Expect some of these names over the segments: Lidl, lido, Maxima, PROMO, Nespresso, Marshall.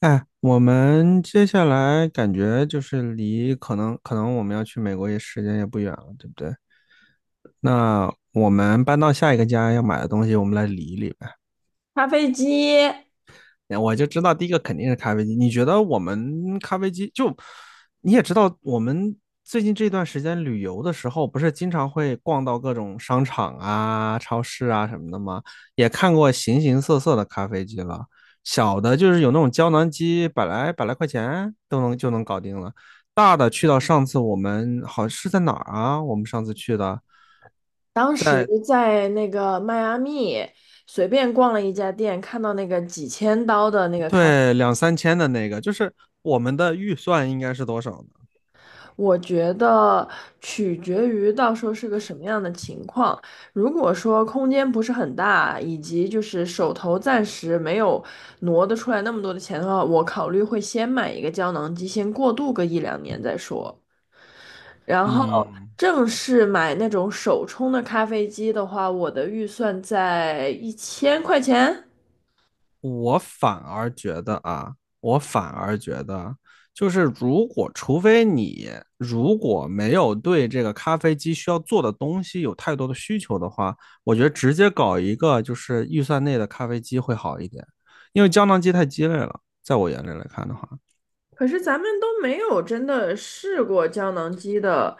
哎，我们接下来感觉就是离可能我们要去美国也时间也不远了，对不对？那我们搬到下一个家要买的东西，我们来理一理呗。咖啡机，我就知道第一个肯定是咖啡机。你觉得我们咖啡机就。你也知道，我们最近这段时间旅游的时候，不是经常会逛到各种商场啊、超市啊什么的吗？也看过形形色色的咖啡机了。小的就是有那种胶囊机，百来块钱就能搞定了。大的去到上次我们好是在哪儿啊？我们上次去的，当时在那个迈阿密随便逛了一家店，看到那个几千刀的那个咖，对，两三千的那个，就是我们的预算应该是多少呢？我觉得取决于到时候是个什么样的情况。如果说空间不是很大，以及就是手头暂时没有挪得出来那么多的钱的话，我考虑会先买一个胶囊机，先过渡个一两年再说。然后嗯，正式买那种手冲的咖啡机的话，我的预算在1000块钱。我反而觉得啊，我反而觉得，就是，如果除非你如果没有对这个咖啡机需要做的东西有太多的需求的话，我觉得直接搞一个就是预算内的咖啡机会好一点，因为胶囊机太鸡肋了，在我眼里来看的话。可是咱们都没有真的试过胶囊机的，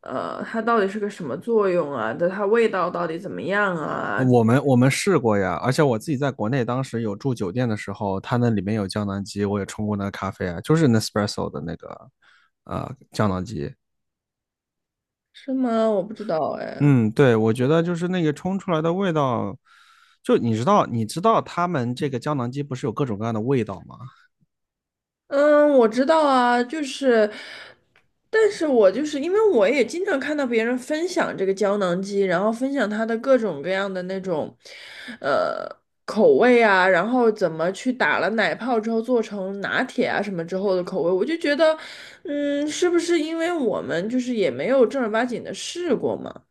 它到底是个什么作用啊？的它味道到底怎么样啊？我们试过呀，而且我自己在国内当时有住酒店的时候，它那里面有胶囊机，我也冲过那个咖啡啊，就是 Nespresso 的那个胶囊机。是吗？我不知道哎。嗯，对，我觉得就是那个冲出来的味道，就你知道他们这个胶囊机不是有各种各样的味道吗？嗯，我知道啊，就是，但是我就是因为我也经常看到别人分享这个胶囊机，然后分享它的各种各样的那种，呃，口味啊，然后怎么去打了奶泡之后做成拿铁啊什么之后的口味，我就觉得，嗯，是不是因为我们就是也没有正儿八经的试过嘛？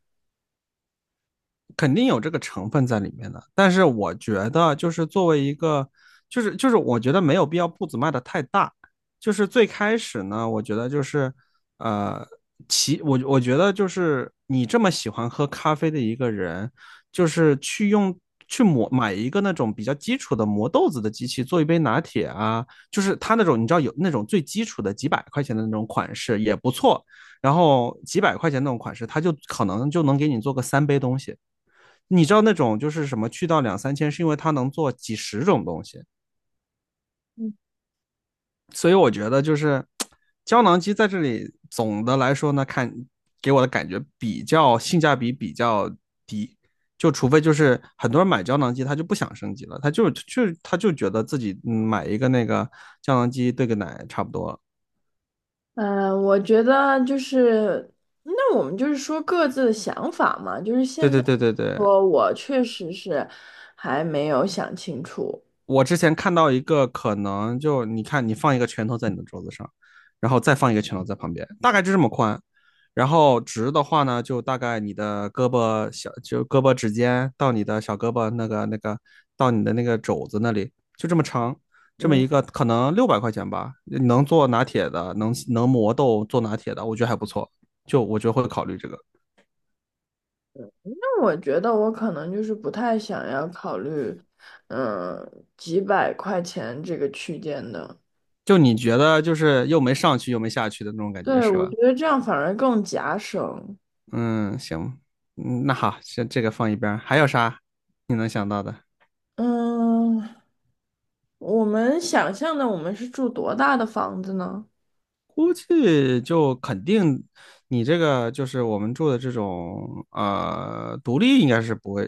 肯定有这个成分在里面的，但是我觉得就是作为一个，就是我觉得没有必要步子迈的太大。就是最开始呢，我觉得就是呃，我觉得就是你这么喜欢喝咖啡的一个人，就是去磨买一个那种比较基础的磨豆子的机器做一杯拿铁啊。就是他那种你知道有那种最基础的几百块钱的那种款式也不错，然后几百块钱那种款式，他就可能就能给你做个3杯东西。你知道那种就是什么去到两三千，是因为它能做几十种东西。所以我觉得就是胶囊机在这里总的来说呢，看给我的感觉比较性价比比较低。就除非就是很多人买胶囊机，他就不想升级了，他就觉得自己买一个那个胶囊机兑个奶差不多了。嗯，我觉得就是，那我们就是说各自的想法嘛。就是对现对在对对对。说，我确实是还没有想清楚。我之前看到一个可能就你看你放一个拳头在你的桌子上，然后再放一个拳头在旁边，大概就这么宽。然后直的话呢，就大概你的胳膊小，就胳膊指尖到你的小胳膊那个到你的那个肘子那里，就这么长。这么嗯，一个可能600块钱吧，能做拿铁的，能磨豆做拿铁的，我觉得还不错，就我觉得会考虑这个。那我觉得我可能就是不太想要考虑，嗯，几百块钱这个区间的。就你觉得就是又没上去又没下去的那种感觉对，是我吧？觉得这样反而更夹省。嗯，行。那好，先这个放一边儿，还有啥你能想到的？嗯，我们想象的我们是住多大的房子呢？估计就肯定，你这个就是我们住的这种独立，应该是不会，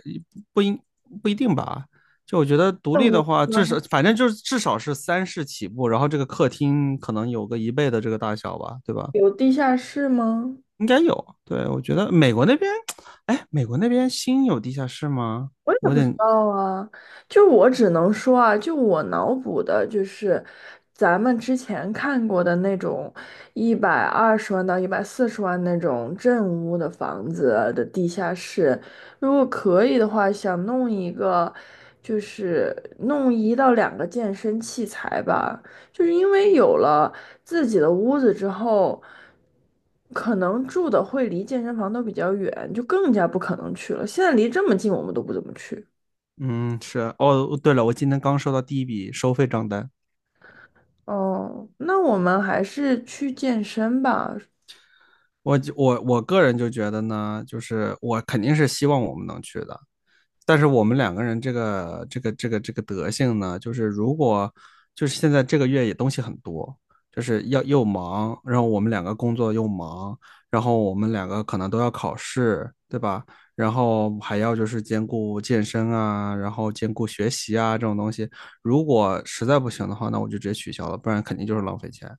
不应不一定吧？就我觉得独那立的我话，至少们反正就是至少是三室起步，然后这个客厅可能有个一倍的这个大小吧，对吧？有地下室吗？应该有。对，我觉得美国那边。哎，美国那边新有地下室吗？我也我有不知点。道啊，就我只能说啊，就我脑补的，就是咱们之前看过的那种120万到140万那种正屋的房子的地下室，如果可以的话，想弄一个，就是弄一到两个健身器材吧，就是因为有了。自己的屋子之后，可能住的会离健身房都比较远，就更加不可能去了。现在离这么近，我们都不怎么去。嗯，是哦。对了，我今天刚收到第一笔收费账单。哦，那我们还是去健身吧。我个人就觉得呢，就是我肯定是希望我们能去的，但是我们两个人这个德性呢，就是如果就是现在这个月也东西很多，就是要又忙，然后我们两个工作又忙，然后我们两个可能都要考试，对吧？然后还要就是兼顾健身啊，然后兼顾学习啊这种东西。如果实在不行的话，那我就直接取消了，不然肯定就是浪费钱。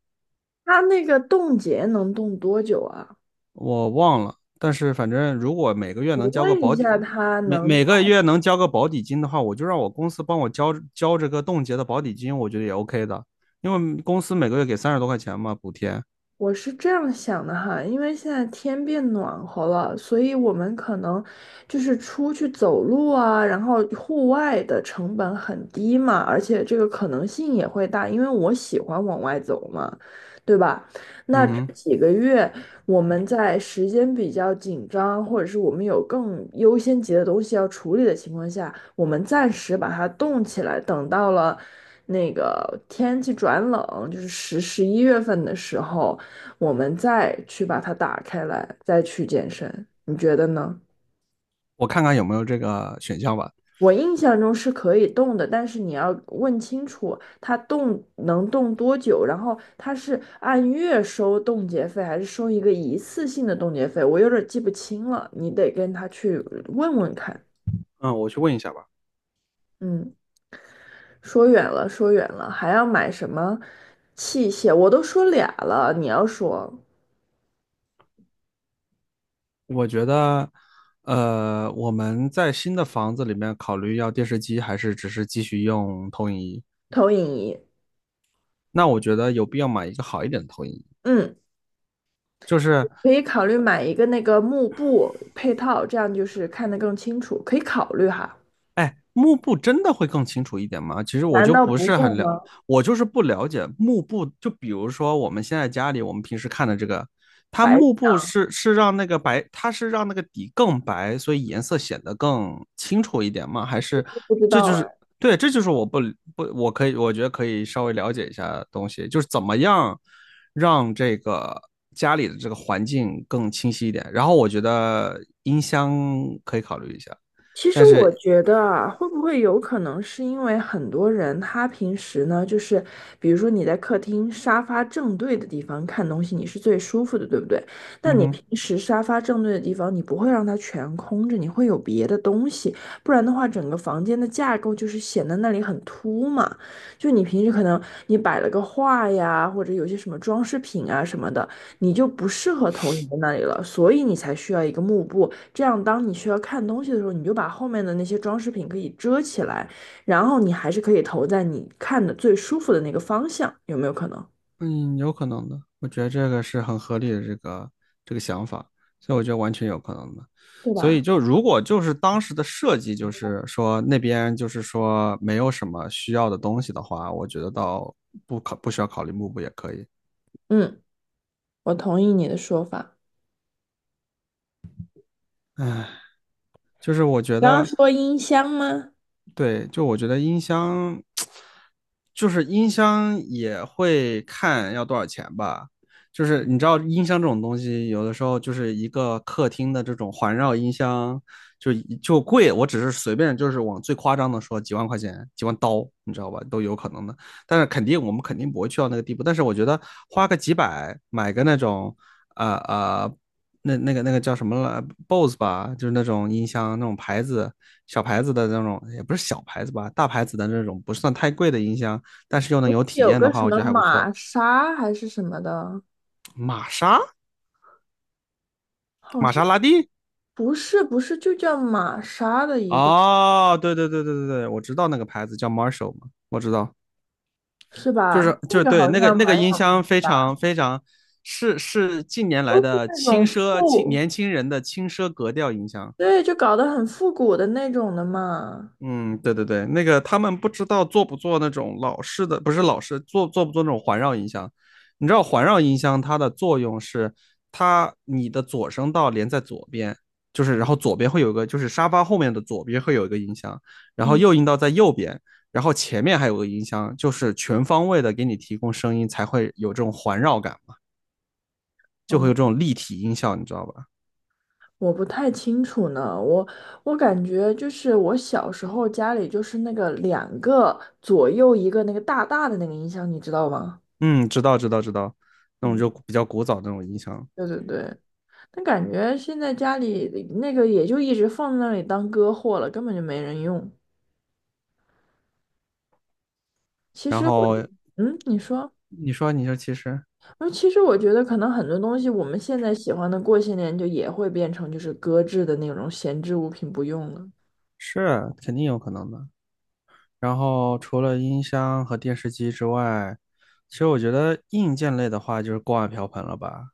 他那个冻结能冻多久啊？我忘了，但是反正如果每个月我能交个问一保底，下，每每个月能交个保底金的话，我就让我公司帮我交这个冻结的保底金，我觉得也 OK 的，因为公司每个月给30多块钱嘛补贴。我是这样想的哈，因为现在天变暖和了，所以我们可能就是出去走路啊，然后户外的成本很低嘛，而且这个可能性也会大，因为我喜欢往外走嘛，对吧？那嗯这哼，几个月我们在时间比较紧张，或者是我们有更优先级的东西要处理的情况下，我们暂时把它冻起来，等到了那个天气转冷，就是十一月份的时候。我们再去把它打开来，再去健身，你觉得呢？我看看有没有这个选项吧。我印象中是可以动的，但是你要问清楚它动能动多久，然后它是按月收冻结费，还是收一个一次性的冻结费？我有点记不清了，你得跟他去问问看。嗯，我去问一下吧。嗯，说远了，说远了，还要买什么器械？我都说俩了，你要说我觉得，我们在新的房子里面考虑要电视机，还是只是继续用投影仪？投影仪，那我觉得有必要买一个好一点的投影仪，嗯。就是。可以考虑买一个那个幕布配套，这样就是看得更清楚，可以考虑哈。哎，幕布真的会更清楚一点吗？其实我难就道不不是会很了，吗？我就是不了解幕布。就比如说我们现在家里我们平时看的这个，它白幕痴布是让那个白，它是让那个底更白，所以颜色显得更清楚一点吗？还是不知这道就是。啊。对，这就是我不，我觉得可以稍微了解一下东西，就是怎么样让这个家里的这个环境更清晰一点。然后我觉得音箱可以考虑一下，其实但我是。觉得啊，会不会有可能是因为很多人他平时呢，就是比如说你在客厅沙发正对的地方看东西，你是最舒服的，对不对？嗯但你哼。平时沙发正对的地方，你不会让它全空着，你会有别的东西，不然的话，整个房间的架构就是显得那里很突嘛。就你平时可能你摆了个画呀，或者有些什么装饰品啊什么的，你就不适合投影在那里了，所以你才需要一个幕布。这样，当你需要看东西的时候，你就把后面的那些装饰品可以遮起来，然后你还是可以投在你看的最舒服的那个方向，有没有可能？嗯，有可能的，我觉得这个是很合理的这个想法，所以我觉得完全有可能的。对所以吧？就如果就是当时的设计，就是说那边就是说没有什么需要的东西的话，我觉得倒不需要考虑幕布也可以。嗯，我同意你的说法。唉，就是我觉刚刚得。说音箱吗？对，就我觉得音箱，就是音箱也会看要多少钱吧。就是你知道音箱这种东西，有的时候就是一个客厅的这种环绕音箱，就就贵。我只是随便就是往最夸张的说，几万块钱、几万刀，你知道吧，都有可能的。但是肯定我们肯定不会去到那个地步。但是我觉得花个几百买个那种，呃呃。那那个叫什么了 Bose 吧，就是那种音箱那种牌子，小牌子的那种，也不是小牌子吧，大牌子的那种，不算太贵的音箱，但是又能有体有验的个话，什我么觉得还不玛错。莎还是什么的，玛莎。好玛像莎拉蒂。不是，不是，就叫玛莎的一个，哦，对对对对对对，我知道那个牌子叫 Marshall 嘛，我知道。是就吧？是就那是个对好像那个蛮有音名箱的非吧，常非常是近年来都是的那轻种奢，复，年轻人的轻奢格调音箱。对，就搞得很复古的那种的嘛。嗯，对对对，那个他们不知道做不做那种老式的，不是老式，做不做那种环绕音箱？你知道环绕音箱它的作用是，它你的左声道连在左边，就是然后左边会有一个，就是沙发后面的左边会有一个音箱，然后嗯，右音道在右边，然后前面还有个音箱，就是全方位的给你提供声音，才会有这种环绕感嘛，就会有这哦。种立体音效，你知道吧？我不太清楚呢，我感觉就是我小时候家里就是那个两个左右一个那个大大的那个音箱，你知道吗？嗯，知道知道知道，那种嗯，就比较古早的那种音箱。对对对，但感觉现在家里那个也就一直放在那里当歌货了，根本就没人用。其然实我，后嗯，你说，你说你说，其实我说其实我觉得可能很多东西我们现在喜欢的，过些年就也会变成就是搁置的那种闲置物品不用了。是肯定有可能的。然后除了音箱和电视机之外，其实我觉得硬件类的话就是锅碗瓢盆了吧。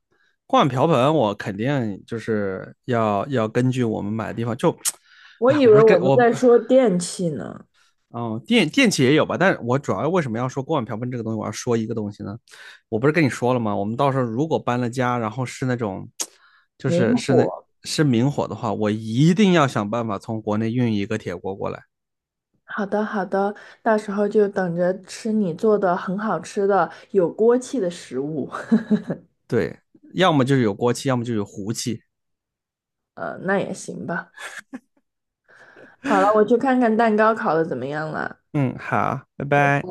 锅碗瓢盆我肯定就是要根据我们买的地方就。我哎，以我不为是我跟们我。在说电器呢，哦，电器也有吧，但是我主要为什么要说锅碗瓢盆这个东西，我要说一个东西呢？我不是跟你说了吗？我们到时候如果搬了家，然后是那种，就明是是那火。是明火的话，我一定要想办法从国内运一个铁锅过来。好的，好的，到时候就等着吃你做的很好吃的有锅气的食物。对，要么就是有锅气，要么就有壶气。那也行吧。好了，我去看看蛋糕烤的怎么样了。嗯，好，拜拜。